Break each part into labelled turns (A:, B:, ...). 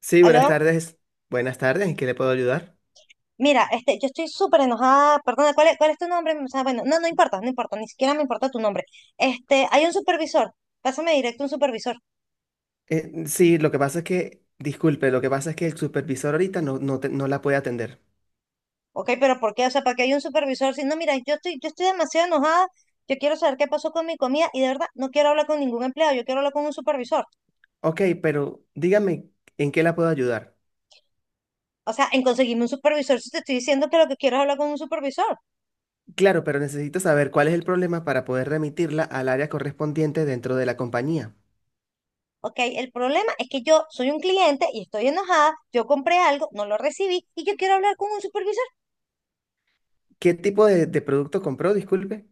A: Sí, buenas
B: Aló,
A: tardes. Buenas tardes, ¿en qué le puedo ayudar?
B: mira, yo estoy súper enojada, perdona, ¿cuál es tu nombre? O sea, bueno, no, no importa, no importa, ni siquiera me importa tu nombre. Hay un supervisor, pásame directo un supervisor,
A: Sí, lo que pasa es que, disculpe, lo que pasa es que el supervisor ahorita no, no, no la puede atender.
B: ¿ok? Pero ¿por qué? O sea, ¿para qué hay un supervisor? Si no, mira, yo estoy demasiado enojada, yo quiero saber qué pasó con mi comida y de verdad no quiero hablar con ningún empleado, yo quiero hablar con un supervisor.
A: Ok, pero dígame, ¿en qué la puedo ayudar?
B: O sea, en conseguirme un supervisor, si te estoy diciendo que lo que quiero es hablar con un supervisor,
A: Claro, pero necesito saber cuál es el problema para poder remitirla al área correspondiente dentro de la compañía.
B: ¿ok? El problema es que yo soy un cliente y estoy enojada, yo compré algo, no lo recibí y yo quiero hablar con un supervisor.
A: ¿Qué tipo de producto compró? Disculpe.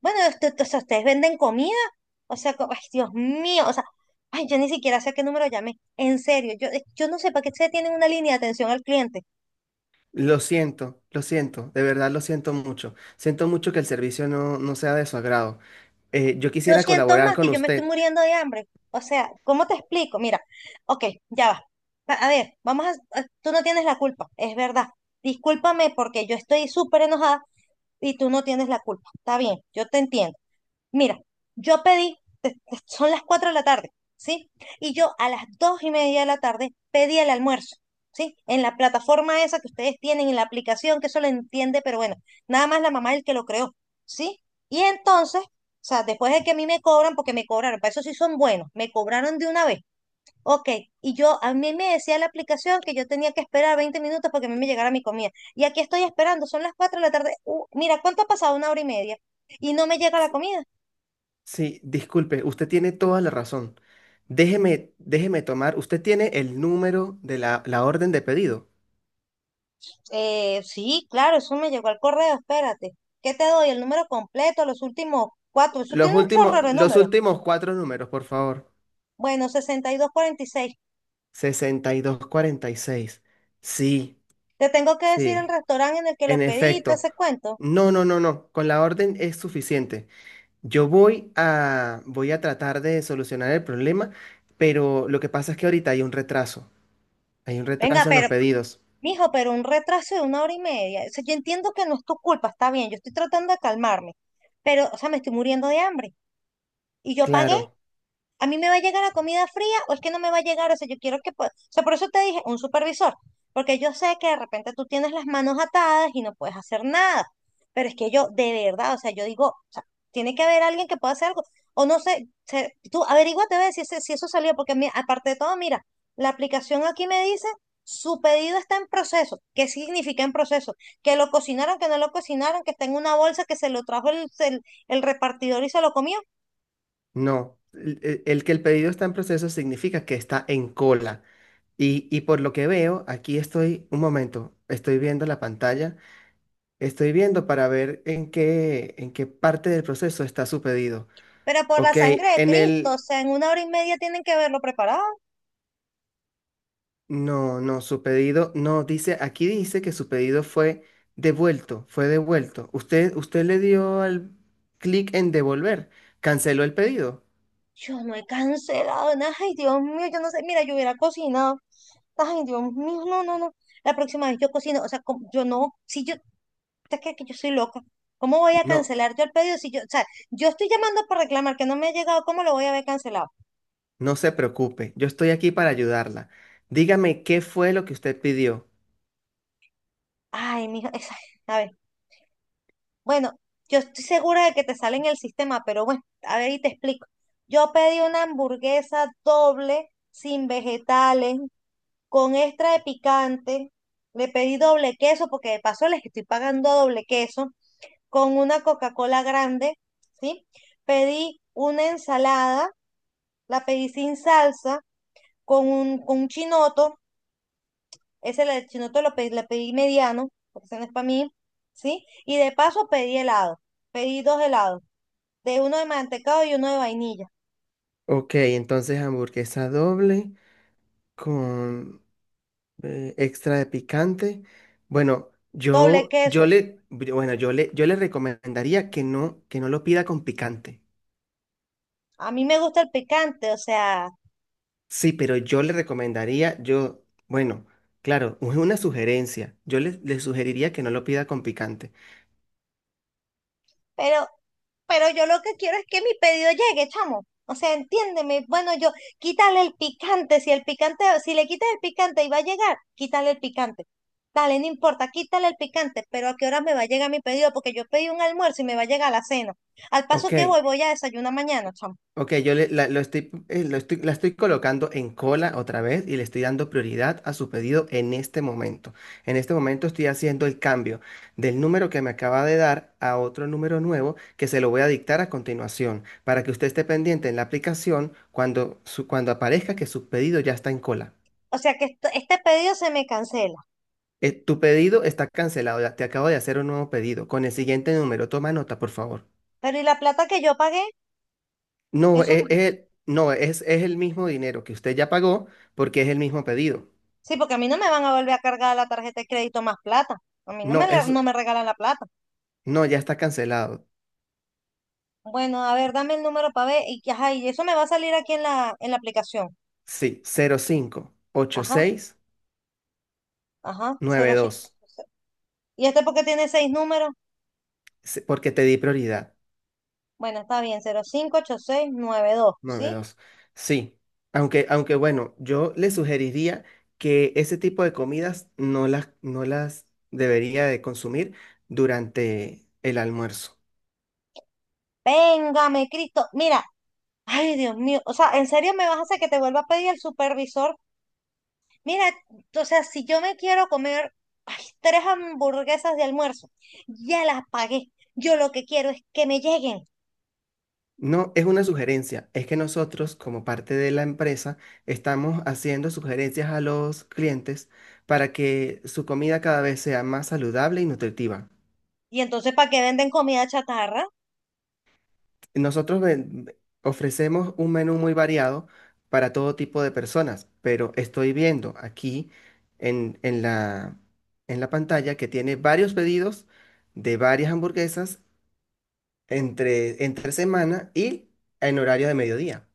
B: Bueno, o sea, ¿ustedes venden comida? O sea, ay, Dios mío, o sea, ay, yo ni siquiera sé a qué número llamé. En serio, yo, yo no sé para qué se tienen una línea de atención al cliente.
A: Lo siento, de verdad lo siento mucho. Siento mucho que el servicio no sea de su agrado. Yo
B: Yo
A: quisiera
B: siento
A: colaborar
B: más que
A: con
B: yo me estoy
A: usted.
B: muriendo de hambre. O sea, ¿cómo te explico? Mira, ok, ya va. A ver, tú no tienes la culpa, es verdad. Discúlpame porque yo estoy súper enojada y tú no tienes la culpa. Está bien, yo te entiendo. Mira, yo pedí, te- te- son las 4 de la tarde, ¿sí? Y yo a las 2 y media de la tarde pedí el almuerzo, ¿sí? En la plataforma esa que ustedes tienen, en la aplicación, que eso lo entiende, pero bueno, nada más la mamá es el que lo creó, ¿sí? Y entonces, o sea, después de que a mí me cobran, porque me cobraron, para eso sí son buenos, me cobraron de una vez. Ok, y yo, a mí me decía la aplicación que yo tenía que esperar 20 minutos para que a mí me llegara mi comida. Y aquí estoy esperando, son las 4 de la tarde. Mira, ¿cuánto ha pasado? Una hora y media. Y no me llega la comida.
A: Sí, disculpe, usted tiene toda la razón. Déjeme tomar, usted tiene el número de la orden de pedido.
B: Sí, claro, eso me llegó al correo, espérate. ¿Qué te doy? El número completo, los últimos cuatro. Eso
A: Los
B: tiene un
A: últimos,
B: chorro de
A: los
B: números.
A: últimos cuatro números, por favor.
B: Bueno, sesenta y dos cuarenta y seis.
A: Sesenta y dos cuarenta y seis. Sí,
B: Te tengo que decir el
A: sí,
B: restaurante en el que lo
A: en
B: pedí, y todo
A: efecto.
B: ese cuento.
A: No, no, no, no, con la orden es suficiente. Yo voy a tratar de solucionar el problema, pero lo que pasa es que ahorita hay un retraso. Hay un
B: Venga,
A: retraso en los
B: pero,
A: pedidos.
B: mijo, pero un retraso de una hora y media. O sea, yo entiendo que no es tu culpa, está bien, yo estoy tratando de calmarme. Pero, o sea, me estoy muriendo de hambre. Y yo pagué.
A: Claro.
B: ¿A mí me va a llegar la comida fría o es que no me va a llegar? O sea, yo quiero que... O sea, por eso te dije, un supervisor, porque yo sé que de repente tú tienes las manos atadas y no puedes hacer nada, pero es que yo, de verdad, o sea, yo digo, o sea, tiene que haber alguien que pueda hacer algo, o no sé, tú averíguate a ver si, si eso salió, porque a aparte de todo, mira, la aplicación aquí me dice, su pedido está en proceso. ¿Qué significa en proceso? Que lo cocinaron, que no lo cocinaron, que está en una bolsa, que se lo trajo el repartidor y se lo comió.
A: No, el pedido está en proceso significa que está en cola. Y por lo que veo, aquí estoy, un momento, estoy viendo la pantalla, estoy viendo para ver en qué parte del proceso está su pedido.
B: Pero por la
A: Ok,
B: sangre de
A: en
B: Cristo, o
A: el,
B: sea, en una hora y media tienen que haberlo preparado.
A: no, no, su pedido, no, dice, aquí dice que su pedido fue devuelto, fue devuelto. Usted le dio al clic en devolver, canceló el pedido.
B: Yo no he cancelado nada. Ay, Dios mío, yo no sé. Mira, yo hubiera cocinado. Ay, Dios mío, no, no, no. La próxima vez yo cocino, o sea, yo no, si yo, te crees que yo soy loca. ¿Cómo voy a
A: No.
B: cancelar yo el pedido si yo, o sea, yo estoy llamando para reclamar que no me ha llegado, ¿cómo lo voy a haber cancelado?
A: No se preocupe, yo estoy aquí para ayudarla. Dígame qué fue lo que usted pidió.
B: Ay, mijo, a ver, bueno, yo estoy segura de que te sale en el sistema, pero bueno, a ver y te explico. Yo pedí una hamburguesa doble, sin vegetales, con extra de picante, le pedí doble queso, porque de paso les estoy pagando doble queso, con una Coca-Cola grande, ¿sí? Pedí una ensalada, la pedí sin salsa, con un chinoto, ese el chinoto lo pedí, le pedí mediano, porque ese no es para mí, ¿sí? Y de paso pedí helado, pedí dos helados, de uno de mantecado y uno de vainilla,
A: Ok, entonces hamburguesa doble con extra de picante. Bueno,
B: doble
A: yo, yo
B: queso.
A: le, bueno, yo le, yo le recomendaría que que no lo pida con picante.
B: A mí me gusta el picante, o sea,
A: Sí, pero yo le recomendaría, bueno, claro, es una sugerencia. Yo le sugeriría que no lo pida con picante.
B: pero pero yo lo que quiero es que mi pedido llegue, chamo. O sea, entiéndeme. Bueno, yo quítale el picante. Si el picante, si le quitas el picante y va a llegar, quítale el picante. Dale, no importa, quítale el picante, pero ¿a qué hora me va a llegar mi pedido? Porque yo pedí un almuerzo y me va a llegar la cena. Al paso
A: Ok,
B: que voy, voy a desayunar mañana, chamo.
A: Ok, yo le- la, lo estoy- la estoy colocando en cola otra vez y le estoy dando prioridad a su pedido en este momento. En este momento estoy haciendo el cambio del número que me acaba de dar a otro número nuevo que se lo voy a dictar a continuación para que usted esté pendiente en la aplicación cuando aparezca que su pedido ya está en cola.
B: O sea que este pedido se me cancela.
A: Tu pedido está cancelado, ya te acabo de hacer un nuevo pedido con el siguiente número. Toma nota, por favor.
B: Pero ¿y la plata que yo pagué?
A: No,
B: Eso,
A: es, es el- no, es, es el mismo dinero que usted ya pagó porque es el mismo pedido.
B: sí, porque a mí no me van a volver a cargar la tarjeta de crédito más plata. A mí no me,
A: No,
B: no me regalan la plata.
A: ya está cancelado.
B: Bueno, a ver, dame el número para ver. Y, ajá, y eso me va a salir aquí en la aplicación.
A: Sí, 05
B: Ajá,
A: 86
B: ajá, 05.
A: 92.
B: ¿Y este porque tiene seis números?
A: Sí, porque te di prioridad.
B: Bueno, está bien, 058692,
A: Nueve
B: ¿sí?
A: dos. Sí. Aunque bueno, yo le sugeriría que ese tipo de comidas no las debería de consumir durante el almuerzo.
B: Véngame, Cristo. Mira, ay, Dios mío. O sea, ¿en serio me vas a hacer que te vuelva a pedir el supervisor? Mira, o sea, si yo me quiero comer ay, tres hamburguesas de almuerzo, ya las pagué. Yo lo que quiero es que me lleguen.
A: No, es una sugerencia. Es que nosotros, como parte de la empresa, estamos haciendo sugerencias a los clientes para que su comida cada vez sea más saludable y nutritiva.
B: Y entonces, ¿para qué venden comida chatarra?
A: Nosotros ven- Ofrecemos un menú muy variado para todo tipo de personas, pero estoy viendo aquí en, en la pantalla que tiene varios pedidos de varias hamburguesas entre semana y en horario de mediodía.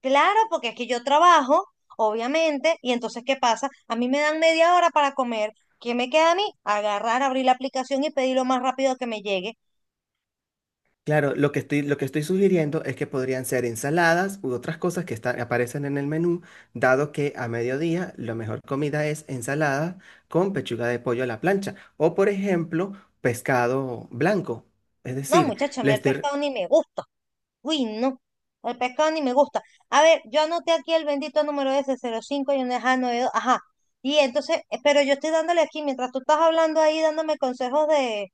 B: Claro, porque es que yo trabajo, obviamente, y entonces, ¿qué pasa? A mí me dan media hora para comer. ¿Qué me queda a mí? Agarrar, abrir la aplicación y pedir lo más rápido que me llegue.
A: Claro, lo que estoy, sugiriendo es que podrían ser ensaladas u otras cosas aparecen en el menú, dado que a mediodía la mejor comida es ensalada con pechuga de pollo a la plancha o, por ejemplo, pescado blanco. Es
B: No,
A: decir,
B: muchacho, a
A: le
B: mí el
A: estoy...
B: pescado ni me gusta. Uy, no. El pescado ni me gusta. A ver, yo anoté aquí el bendito número ese, cero cinco y un ajá, 92. Ajá. Y entonces, pero yo estoy dándole aquí, mientras tú estás hablando ahí, dándome consejos de,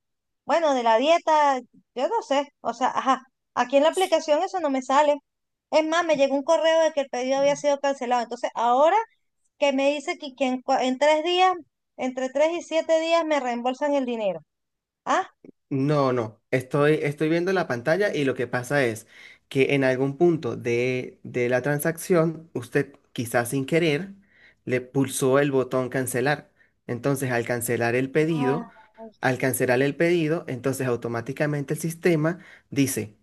B: bueno, de la dieta, yo no sé. O sea, ajá. Aquí en la aplicación eso no me sale. Es más, me llegó un correo de que el pedido había sido cancelado. Entonces, ahora que me dice que en, en tres días, entre tres y 7 días me reembolsan el dinero. Ah,
A: No, no, estoy viendo la pantalla y lo que pasa es que en algún punto de la transacción, usted quizás sin querer le pulsó el botón cancelar. Entonces, al cancelar el
B: ah.
A: pedido Al cancelar el pedido, entonces automáticamente el sistema dice,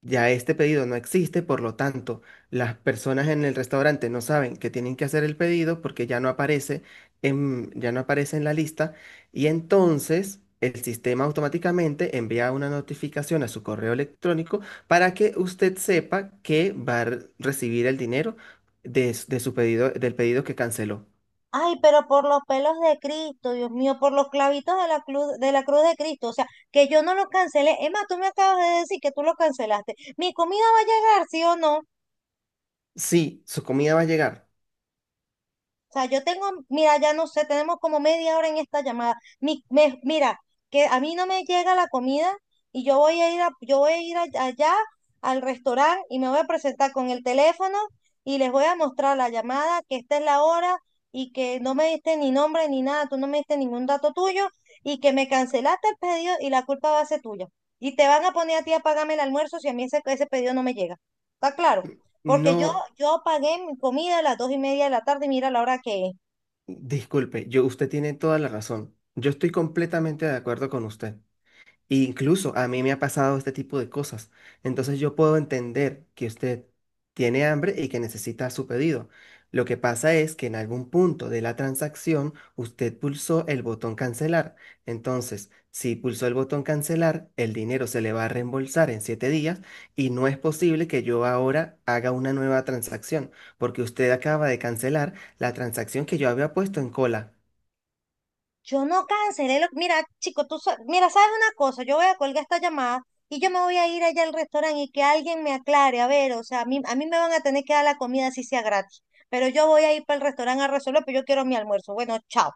A: ya este pedido no existe, por lo tanto, las personas en el restaurante no saben que tienen que hacer el pedido porque ya no aparece en la lista y entonces el sistema automáticamente envía una notificación a su correo electrónico para que usted sepa que va a recibir el dinero de su pedido, del pedido que canceló.
B: Ay, pero por los pelos de Cristo, Dios mío, por los clavitos de la cruz, de la cruz de Cristo, o sea, que yo no lo cancelé. Emma, tú me acabas de decir que tú lo cancelaste. ¿Mi comida va a llegar, sí o no?
A: Sí, su comida va a llegar.
B: O sea, yo tengo, mira, ya no sé, tenemos como media hora en esta llamada. Mira, que a mí no me llega la comida y yo voy a ir a- allá al restaurante y me voy a presentar con el teléfono y les voy a mostrar la llamada, que esta es la hora y que no me diste ni nombre ni nada, tú no me diste ningún dato tuyo y que me cancelaste el pedido y la culpa va a ser tuya. Y te van a poner a ti a pagarme el almuerzo si a mí ese, ese pedido no me llega. ¿Está claro? Porque yo,
A: No.
B: yo pagué mi comida a las 2 y media de la tarde y mira la hora que es.
A: Disculpe, usted tiene toda la razón. Yo estoy completamente de acuerdo con usted. E incluso a mí me ha pasado este tipo de cosas. Entonces yo puedo entender que usted tiene hambre y que necesita su pedido. Lo que pasa es que en algún punto de la transacción usted pulsó el botón cancelar. Entonces, si pulsó el botón cancelar, el dinero se le va a reembolsar en 7 días y no es posible que yo ahora haga una nueva transacción, porque usted acaba de cancelar la transacción que yo había puesto en cola.
B: Yo no cancelé lo... Mira, chico, tú... Mira, ¿sabes una cosa? Yo voy a colgar esta llamada y yo me voy a ir allá al restaurante y que alguien me aclare. A ver, o sea, a mí me van a tener que dar la comida así sea gratis. Pero yo voy a ir para el restaurante a resolver, pero yo quiero mi almuerzo. Bueno, chao.